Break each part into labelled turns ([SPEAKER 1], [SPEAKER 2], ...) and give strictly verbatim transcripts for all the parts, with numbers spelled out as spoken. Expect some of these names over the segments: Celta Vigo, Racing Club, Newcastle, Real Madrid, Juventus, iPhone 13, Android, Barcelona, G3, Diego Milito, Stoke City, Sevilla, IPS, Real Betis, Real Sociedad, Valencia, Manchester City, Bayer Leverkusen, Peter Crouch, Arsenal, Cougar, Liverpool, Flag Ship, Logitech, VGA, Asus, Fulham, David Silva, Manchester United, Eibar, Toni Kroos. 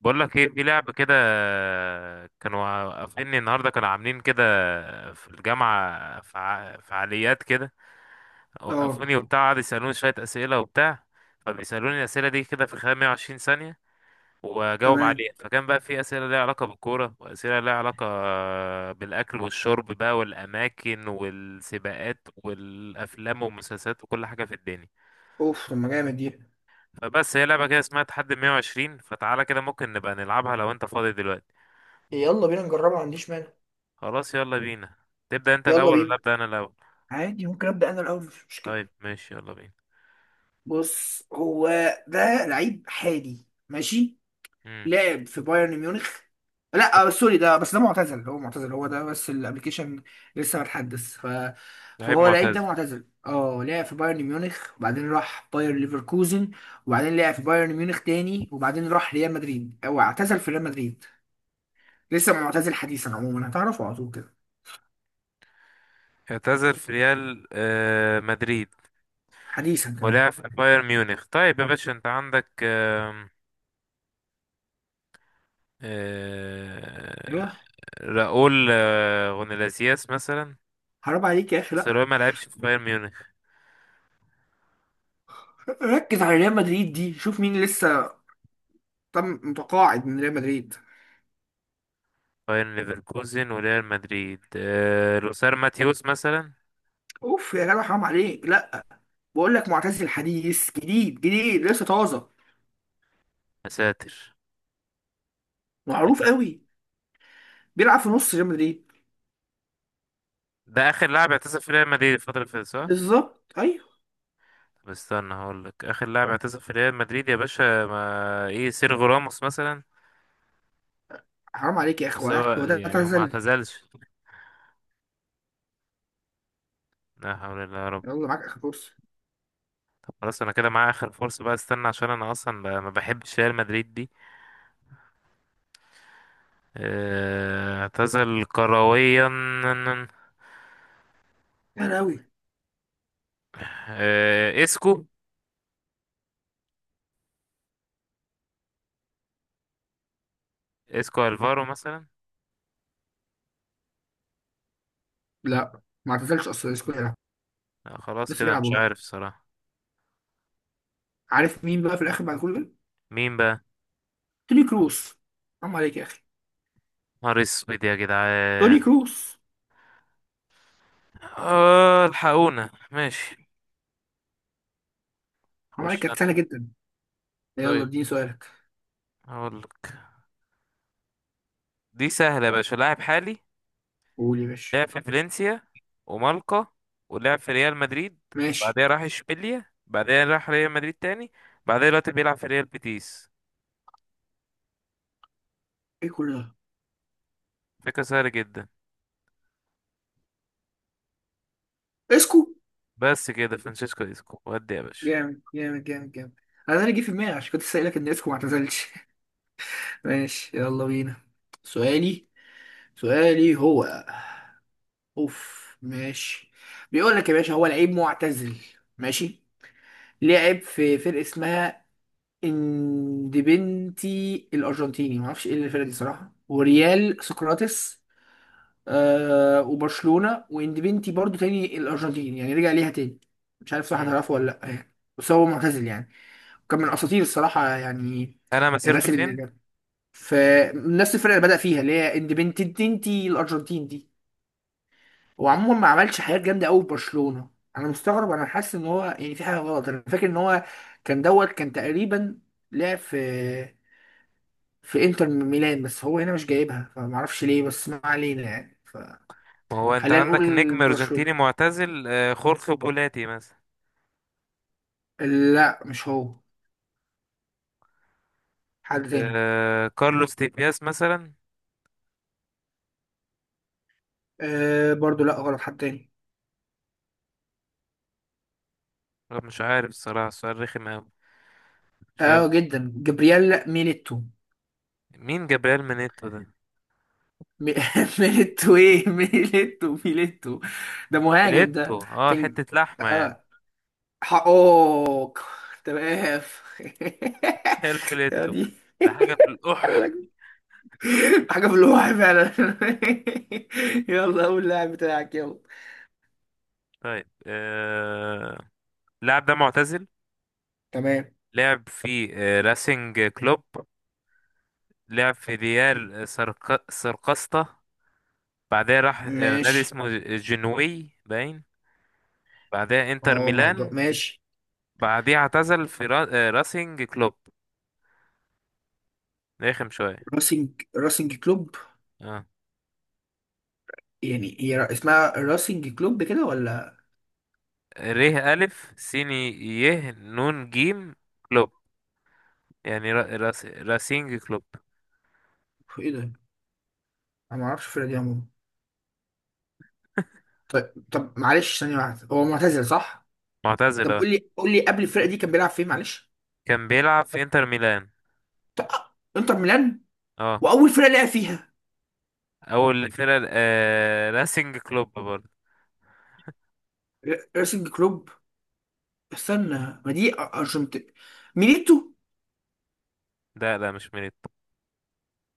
[SPEAKER 1] بقول لك ايه، في لعبة كده. كانوا وقفيني النهارده، كانوا عاملين كده في الجامعة فع- فعاليات كده.
[SPEAKER 2] اه.
[SPEAKER 1] وقفوني وبتاع، قعدوا يسألوني شوية أسئلة وبتاع. فبيسألوني الأسئلة دي كده في خلال مئة وعشرين ثانية وأجاوب
[SPEAKER 2] تمام.
[SPEAKER 1] عليها. فكان بقى في أسئلة ليها علاقة بالكورة، وأسئلة ليها علاقة بالأكل والشرب بقى، والأماكن والسباقات والأفلام والمسلسلات وكل حاجة في الدنيا.
[SPEAKER 2] اوف، طب ما جامد دي.
[SPEAKER 1] فبس هي لعبة كده اسمها تحدي مئة وعشرين. فتعالى كده، ممكن نبقى نلعبها لو أنت فاضي دلوقتي.
[SPEAKER 2] يلا بينا نجربها، ما عنديش مانع.
[SPEAKER 1] خلاص، يلا بينا. تبدأ انت
[SPEAKER 2] يلا
[SPEAKER 1] الاول ولا
[SPEAKER 2] بينا.
[SPEAKER 1] ابدأ انا الاول؟
[SPEAKER 2] عادي، ممكن ابدا انا الاول، مش مشكله.
[SPEAKER 1] طيب ماشي، يلا بينا.
[SPEAKER 2] بص، هو ده لعيب حالي، ماشي.
[SPEAKER 1] امم.
[SPEAKER 2] لعب في بايرن ميونخ. لا، آه، سوري، ده بس ده معتزل. هو معتزل، هو ده بس الابلكيشن لسه متحدث ف...
[SPEAKER 1] لعيب
[SPEAKER 2] فهو لعيب ده
[SPEAKER 1] معتزل.
[SPEAKER 2] معتزل. اه، لعب في بايرن ميونخ، وبعدين راح باير ليفركوزن، وبعدين لعب في بايرن ميونخ تاني، وبعدين راح ريال مدريد. هو اعتزل في ريال مدريد، لسه معتزل حديثا. عموما هتعرفه على طول كده.
[SPEAKER 1] اعتزل في ريال آه مدريد،
[SPEAKER 2] حديثا كمان.
[SPEAKER 1] ولعب في بايرن ميونخ. طيب يا باشا، انت عندك آم، آه
[SPEAKER 2] ايوه.
[SPEAKER 1] راؤول آه غونلاسياس مثلا؟
[SPEAKER 2] حرام عليك يا اخي،
[SPEAKER 1] بس
[SPEAKER 2] لا.
[SPEAKER 1] راؤول ما لعبش في بايرن ميونخ.
[SPEAKER 2] ركز على ريال مدريد دي، شوف مين لسه طم متقاعد من ريال مدريد.
[SPEAKER 1] بايرن ليفركوزن وريال مدريد. آه لوسار ماتيوس مثلا؟
[SPEAKER 2] اوف يا جدع، حرام عليك، لا. بقول لك معتزل حديث، جديد جديد، لسه طازه،
[SPEAKER 1] يا ساتر.
[SPEAKER 2] معروف قوي، بيلعب في نص ريال مدريد.
[SPEAKER 1] ده اخر لاعب اعتزل في ريال مدريد الفترة اللي فاتت، صح؟
[SPEAKER 2] بالظبط، ايوه.
[SPEAKER 1] طب استنى، هقول لك اخر لاعب اعتزل في ريال مدريد يا باشا. ما ايه، سيرجو راموس مثلا؟
[SPEAKER 2] حرام عليك يا اخي،
[SPEAKER 1] بس هو
[SPEAKER 2] وقعت- هو ده
[SPEAKER 1] يعني هو ما
[SPEAKER 2] اعتزل.
[SPEAKER 1] اعتزلش. لا حول الله يا رب.
[SPEAKER 2] يلا معاك اخر فرصه.
[SPEAKER 1] خلاص، انا كده معايا اخر فرصه بقى. استنى، عشان انا اصلا ب- ما بحبش ريال مدريد دي. آه، اعتزل كرويا.
[SPEAKER 2] سهل قوي.
[SPEAKER 1] آه، اسكو، اسكو الفارو مثلا؟
[SPEAKER 2] لا، ما اعتزلش اصلا، لسه بيلعب.
[SPEAKER 1] لا، خلاص
[SPEAKER 2] لسه
[SPEAKER 1] كده
[SPEAKER 2] بيلعب
[SPEAKER 1] مش
[SPEAKER 2] والله.
[SPEAKER 1] عارف الصراحه.
[SPEAKER 2] عارف مين بقى في الاخر بعد كل ده؟
[SPEAKER 1] مين بقى؟
[SPEAKER 2] توني كروس. حرام عليك يا اخي.
[SPEAKER 1] نهار اسود يا
[SPEAKER 2] توني
[SPEAKER 1] جدعان.
[SPEAKER 2] كروس.
[SPEAKER 1] اه، الحقونا ماشي.
[SPEAKER 2] حرام عليك،
[SPEAKER 1] خش
[SPEAKER 2] كانت سهله
[SPEAKER 1] انا.
[SPEAKER 2] جدا. يلا
[SPEAKER 1] طيب،
[SPEAKER 2] اديني سؤالك.
[SPEAKER 1] هقول لك. دي سهله يا باشا، لاعب حالي.
[SPEAKER 2] قول يا باشا.
[SPEAKER 1] لعب في فالنسيا ومالقا، ولعب في ريال مدريد، بعدها
[SPEAKER 2] ماشي.
[SPEAKER 1] راح اشبيليا، بعدها راح ريال مدريد تاني، بعدها دلوقتي بيلعب في ريال بيتيس.
[SPEAKER 2] ايه كل ده؟
[SPEAKER 1] فكرة سهلة جدا.
[SPEAKER 2] اسكو.
[SPEAKER 1] بس كده فرانشيسكو اسكو، ودي يا باشا.
[SPEAKER 2] جامد جامد جامد جامد. انا اللي جه في دماغي عشان كنت سائلك ان اسكو ما اعتزلش. ماشي يلا بينا. سؤالي سؤالي هو، اوف، ماشي. بيقول لك يا باشا، هو لعيب معتزل، ماشي. لعب في فرقه اسمها اندبنتي الارجنتيني، ما اعرفش ايه الفرقه دي صراحه، وريال سقراطس. آه، وبرشلونه، واندبنتي برضو تاني الارجنتين يعني، رجع ليها تاني. مش عارف صح
[SPEAKER 1] مم.
[SPEAKER 2] هتعرفه ولا لا يعني، بس هو معتزل يعني. وكان من اساطير الصراحه يعني.
[SPEAKER 1] انا مسيرته
[SPEAKER 2] الناس
[SPEAKER 1] فين؟
[SPEAKER 2] اللي فنفس الفرقه اللي بدأ فيها اللي هي اندبنتي تنتي الارجنتين دي، وعموما ما عملش حاجات جامده قوي في برشلونه. انا مستغرب، انا حاسس ان هو يعني في حاجه غلط. انا فاكر ان هو كان دوت كان تقريبا لعب في في انتر ميلان، بس هو هنا مش جايبها فما اعرفش ليه، بس ما علينا يعني.
[SPEAKER 1] ما هو انت
[SPEAKER 2] فخلينا
[SPEAKER 1] عندك
[SPEAKER 2] نقول
[SPEAKER 1] نجم
[SPEAKER 2] برشلونه.
[SPEAKER 1] ارجنتيني معتزل. آه، خورخي بولاتي مثلا؟
[SPEAKER 2] لا مش هو، حد تاني.
[SPEAKER 1] آه، كارلوس تيبياس مثلا؟
[SPEAKER 2] آه برضو، لا غلط، حد تاني.
[SPEAKER 1] لا، مش عارف الصراحة، السؤال رخم أوي. مش
[SPEAKER 2] اه
[SPEAKER 1] عارف.
[SPEAKER 2] جدا، جبريال ميليتو.
[SPEAKER 1] مين جابريل منيتو ده؟
[SPEAKER 2] مي- ميليتو، ايه ميليتو ميليتو ده مهاجم، ده
[SPEAKER 1] فيليتو، اه،
[SPEAKER 2] كان.
[SPEAKER 1] حتة لحمة يعني.
[SPEAKER 2] اه. حقوق. تمام. يا
[SPEAKER 1] الفيليتو
[SPEAKER 2] دي.
[SPEAKER 1] ده حاجة في القح.
[SPEAKER 2] قال لك. حاجة في الواقع فعلا. يلا قول اللاعب بتاعك، يلا.
[SPEAKER 1] طيب آه... اللاعب ده معتزل،
[SPEAKER 2] تمام.
[SPEAKER 1] لعب في آه... راسينج كلوب، لعب في ريال سرق... سرقسطة، بعدها راح آه... نادي
[SPEAKER 2] ماشي.
[SPEAKER 1] اسمه جنوي باين، بعدها انتر
[SPEAKER 2] اوه ماي جاد.
[SPEAKER 1] ميلان،
[SPEAKER 2] ماشي.
[SPEAKER 1] بعدها اعتزل في را... آه... راسينج كلوب. رخم شوية.
[SPEAKER 2] راسينج راسينج كلوب.
[SPEAKER 1] اه.
[SPEAKER 2] يعني هي را- اسمها راسنج كلوب كده ولا
[SPEAKER 1] ر، ألف، سين، ي، نون، جيم، كلوب. يعني را... راس... راسينج كلوب.
[SPEAKER 2] ايه ده؟ انا ما اعرفش الفرقه دي عموما. طيب، طب معلش ثانيه واحده، هو معتزل صح؟
[SPEAKER 1] معتزل،
[SPEAKER 2] طب
[SPEAKER 1] اه.
[SPEAKER 2] قول لي قول لي قبل الفرقه دي كان بيلعب فين، معلش.
[SPEAKER 1] كان بيلعب في انتر ميلان.
[SPEAKER 2] طب آه، انتر ميلان.
[SPEAKER 1] اه.
[SPEAKER 2] واول فرقه لعب فيها
[SPEAKER 1] اول فرقة آه... راسينج كلوب برضه.
[SPEAKER 2] ر- راسنج كلوب. استنى، ما دي أ- ارجنت. ميليتو.
[SPEAKER 1] لا لا، مش ميليتو.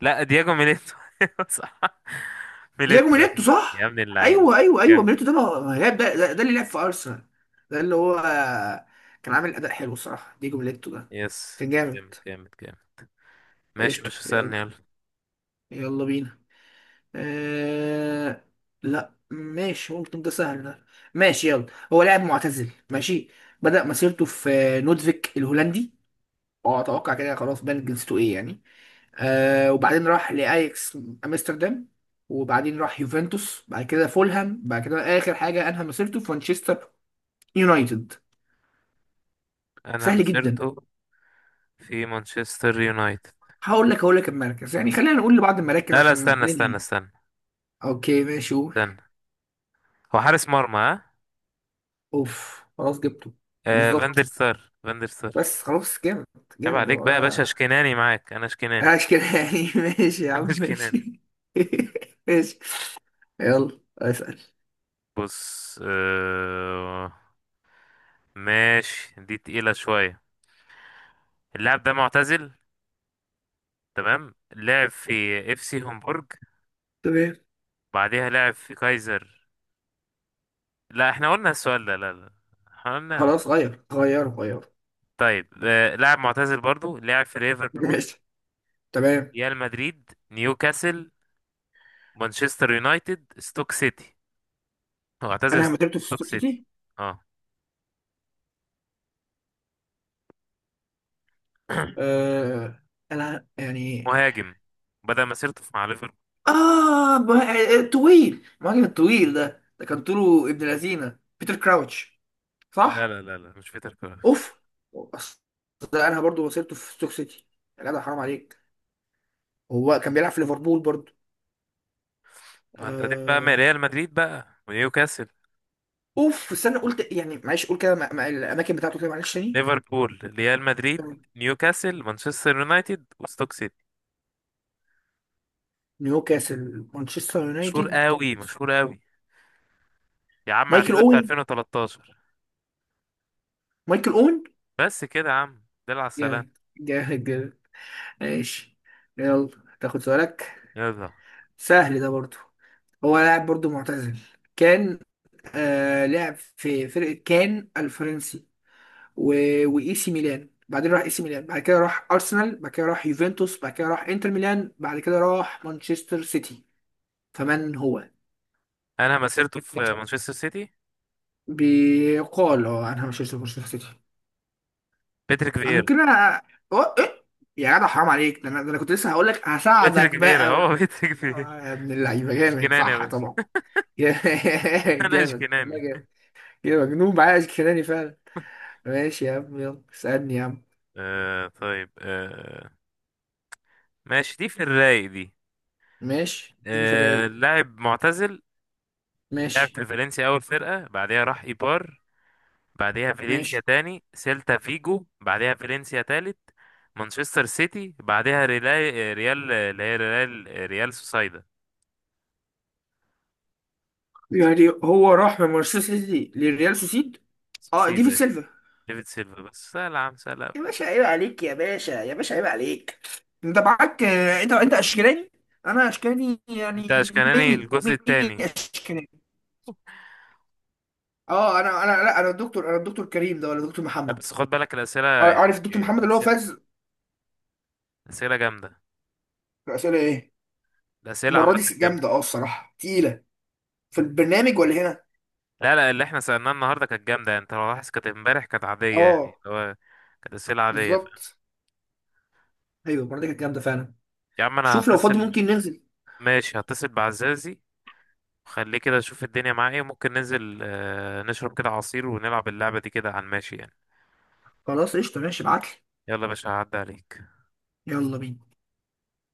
[SPEAKER 1] لا، دياجو ميليتو. صح.
[SPEAKER 2] دياجو
[SPEAKER 1] ميليتو.
[SPEAKER 2] ميليتو،
[SPEAKER 1] يا
[SPEAKER 2] صح.
[SPEAKER 1] ابن اللعيبة.
[SPEAKER 2] ايوه، ايوه، ايوه.
[SPEAKER 1] جامد.
[SPEAKER 2] ميليتو ده ما ما لعب، ده, ده, ده اللي لعب في ارسنال. ده اللي هو كان عامل اداء حلو الصراحه، دياجو ميليتو ده
[SPEAKER 1] يس.
[SPEAKER 2] كان
[SPEAKER 1] جامد
[SPEAKER 2] جامد.
[SPEAKER 1] جامد جامد. ماشي يا
[SPEAKER 2] قشطه
[SPEAKER 1] باشا، استنى
[SPEAKER 2] يلا.
[SPEAKER 1] يلا.
[SPEAKER 2] يلا بينا. آه... لا ماشي، ممكن ده سهل ده. ماشي يلا. هو لاعب معتزل، ماشي. بدأ مسيرته في نودفيك الهولندي. اه اتوقع كده، خلاص بان جنسيته ايه يعني. آه، وبعدين راح لاياكس امستردام، وبعدين راح يوفنتوس، بعد كده فولهام، بعد كده اخر حاجه انهى مسيرته في مانشستر يونايتد.
[SPEAKER 1] أنا
[SPEAKER 2] سهل جدا.
[SPEAKER 1] مسيرته في مانشستر يونايتد.
[SPEAKER 2] هقول لك هقول لك المركز يعني، خلينا نقول لبعض المراكز
[SPEAKER 1] لا لا،
[SPEAKER 2] عشان
[SPEAKER 1] استنى استنى
[SPEAKER 2] ننهي.
[SPEAKER 1] استنى
[SPEAKER 2] اوكي ماشي، قول.
[SPEAKER 1] استنى. هو حارس مرمى، ها.
[SPEAKER 2] اوف خلاص جبته.
[SPEAKER 1] آه فاندر
[SPEAKER 2] بالظبط.
[SPEAKER 1] سار فاندر سار.
[SPEAKER 2] بس خلاص، جامد.
[SPEAKER 1] عيب
[SPEAKER 2] جامد
[SPEAKER 1] عليك
[SPEAKER 2] هو.
[SPEAKER 1] بقى يا باشا، اشكناني معاك، أنا اشكناني.
[SPEAKER 2] عاش كده يعني. ماشي يا
[SPEAKER 1] أنا
[SPEAKER 2] عم،
[SPEAKER 1] اشكناني.
[SPEAKER 2] ماشي. ماشي، يلا اسأل.
[SPEAKER 1] بص، آه ماشي. دي تقيلة شوية. اللاعب ده معتزل، تمام. لعب في اف سي هومبورج.
[SPEAKER 2] تمام.
[SPEAKER 1] بعديها لعب في كايزر. لا، احنا قلنا السؤال ده، لا لا. احنا قلنا.
[SPEAKER 2] خلاص، غير غير غير.
[SPEAKER 1] طيب، آه، لاعب معتزل برضو. لعب في ليفربول،
[SPEAKER 2] ماشي. تمام،
[SPEAKER 1] ريال مدريد، نيوكاسل، مانشستر يونايتد، ستوك سيتي. هو اعتزل
[SPEAKER 2] انا مدربته في
[SPEAKER 1] ستوك
[SPEAKER 2] ستوك
[SPEAKER 1] سيتي.
[SPEAKER 2] سيتي.
[SPEAKER 1] اه.
[SPEAKER 2] آه. انا يعني،
[SPEAKER 1] مهاجم. بدأ مسيرته مع ليفربول.
[SPEAKER 2] اه، ما- طويل، المهاجم الطويل ده ده كان طوله ابن لذينه، بيتر كراوتش
[SPEAKER 1] لا
[SPEAKER 2] صح؟
[SPEAKER 1] لا لا لا، مش بيتر كروتش.
[SPEAKER 2] اوف. أصل ده انا برضو وصلته في ستوك سيتي، يا جدع حرام عليك. هو كان بيلعب في ليفربول برضو.
[SPEAKER 1] ما انت هتبقى بقى من
[SPEAKER 2] آه.
[SPEAKER 1] ريال مدريد بقى ونيوكاسل.
[SPEAKER 2] اوف، استنى قلت يعني، معلش قول كده مع- مع الاماكن بتاعته كده، معلش تاني.
[SPEAKER 1] ليفربول، ريال مدريد،
[SPEAKER 2] تمام.
[SPEAKER 1] نيوكاسل، مانشستر يونايتد، وستوك سيتي.
[SPEAKER 2] نيوكاسل، مانشستر
[SPEAKER 1] مشهور
[SPEAKER 2] يونايتد.
[SPEAKER 1] قوي مشهور قوي. يا عم
[SPEAKER 2] مايكل
[SPEAKER 1] اعتزل في
[SPEAKER 2] اوين.
[SPEAKER 1] ألفين وتلتاشر.
[SPEAKER 2] مايكل اوين.
[SPEAKER 1] بس كده يا عم، دل على السلام.
[SPEAKER 2] جامد جامد جامد. ماشي. يلا تاخد سؤالك.
[SPEAKER 1] يلا.
[SPEAKER 2] سهل ده برضو. هو لاعب برضو معتزل. كان آه، لعب في فرقة كان الفرنسي و... وإي سي ميلان، بعدين راح اي سي ميلان، بعد كده راح ارسنال، بعد كده راح يوفنتوس، بعد كده راح انتر ميلان، بعد كده راح مانشستر سيتي. فمن هو؟
[SPEAKER 1] انا مسيرته في مانشستر سيتي.
[SPEAKER 2] بيقال هو، انا مش هشتري مانشستر سيتي.
[SPEAKER 1] باتريك فييرا.
[SPEAKER 2] ممكن انا أو... إيه؟ يا جدع حرام عليك، ده انا ده انا كنت لسه هقول لك
[SPEAKER 1] باتريك
[SPEAKER 2] هساعدك
[SPEAKER 1] فييرا.
[SPEAKER 2] بقى و...
[SPEAKER 1] هو باتريك فييرا.
[SPEAKER 2] يا ابن اللعيبه، جامد
[SPEAKER 1] اشكناني يا
[SPEAKER 2] صح
[SPEAKER 1] باشا.
[SPEAKER 2] طبعا.
[SPEAKER 1] انا
[SPEAKER 2] جامد والله،
[SPEAKER 1] اشكناني.
[SPEAKER 2] جامد. يا مجنون، معايا اشكناني فعلا. ماشي يا عم، يلا اسالني يا عم.
[SPEAKER 1] آه طيب، آه ماشي. دي في الرايق دي.
[SPEAKER 2] ماشي، اديني في
[SPEAKER 1] آه
[SPEAKER 2] الرايق.
[SPEAKER 1] لاعب معتزل. لعب
[SPEAKER 2] ماشي
[SPEAKER 1] في فالنسيا اول فرقة، بعدها راح ايبار، بعدها فالنسيا
[SPEAKER 2] ماشي
[SPEAKER 1] تاني، سيلتا فيجو، بعدها فالنسيا تالت، مانشستر سيتي، بعدها ريال، ريال اللي هي ريال، آه، ريال سوسايدا.
[SPEAKER 2] يعني هو راح من مانشستر سيتي للريال سوسيد. اه، ديفيد
[SPEAKER 1] سيدا.
[SPEAKER 2] سيلفا.
[SPEAKER 1] ديفيد سيلفا، بس سهل يا عم، سهل.
[SPEAKER 2] يا باشا عيب عليك، يا باشا، يا باشا عيب عليك. انت معاك آه، انت انت اشكالاني، انا اشكالاني
[SPEAKER 1] انت
[SPEAKER 2] يعني.
[SPEAKER 1] اشكناني
[SPEAKER 2] ميني
[SPEAKER 1] الجزء
[SPEAKER 2] ميني
[SPEAKER 1] التاني.
[SPEAKER 2] اشكالاني. اه، انا انا لا، انا الدكتور انا الدكتور كريم ده ولا الدكتور
[SPEAKER 1] لا،
[SPEAKER 2] محمد؟
[SPEAKER 1] بس خد بالك الاسئله
[SPEAKER 2] عار- عارف الدكتور محمد
[SPEAKER 1] يعني.
[SPEAKER 2] اللي هو
[SPEAKER 1] اسئله.
[SPEAKER 2] فاز.
[SPEAKER 1] اسئله جامده.
[SPEAKER 2] الاسئله ايه؟
[SPEAKER 1] الاسئله
[SPEAKER 2] المره
[SPEAKER 1] عامه.
[SPEAKER 2] دي جامده،
[SPEAKER 1] جامده.
[SPEAKER 2] اه الصراحه تقيله. في البرنامج ولا هنا؟
[SPEAKER 1] لا لا، اللي احنا سالناه النهارده كانت جامده يعني. انت لو لاحظ كانت امبارح، كانت عاديه يعني، اللي
[SPEAKER 2] اه،
[SPEAKER 1] هو كانت اسئله عاديه، فاهم؟
[SPEAKER 2] بالظبط، ايوه، المره دي كانت جامده فعلا.
[SPEAKER 1] يا عم انا
[SPEAKER 2] شوف لو فاضي
[SPEAKER 1] هتصل.
[SPEAKER 2] ممكن ننزل.
[SPEAKER 1] ماشي، هتصل بعزازي، خليه كده اشوف الدنيا معاه ايه. ممكن ننزل، آه، نشرب كده عصير، ونلعب اللعبه دي كده على الماشي يعني.
[SPEAKER 2] خلاص قشطه، ماشي، ابعت لي.
[SPEAKER 1] يلا يا باشا، هعدي عليك.
[SPEAKER 2] يلا بينا.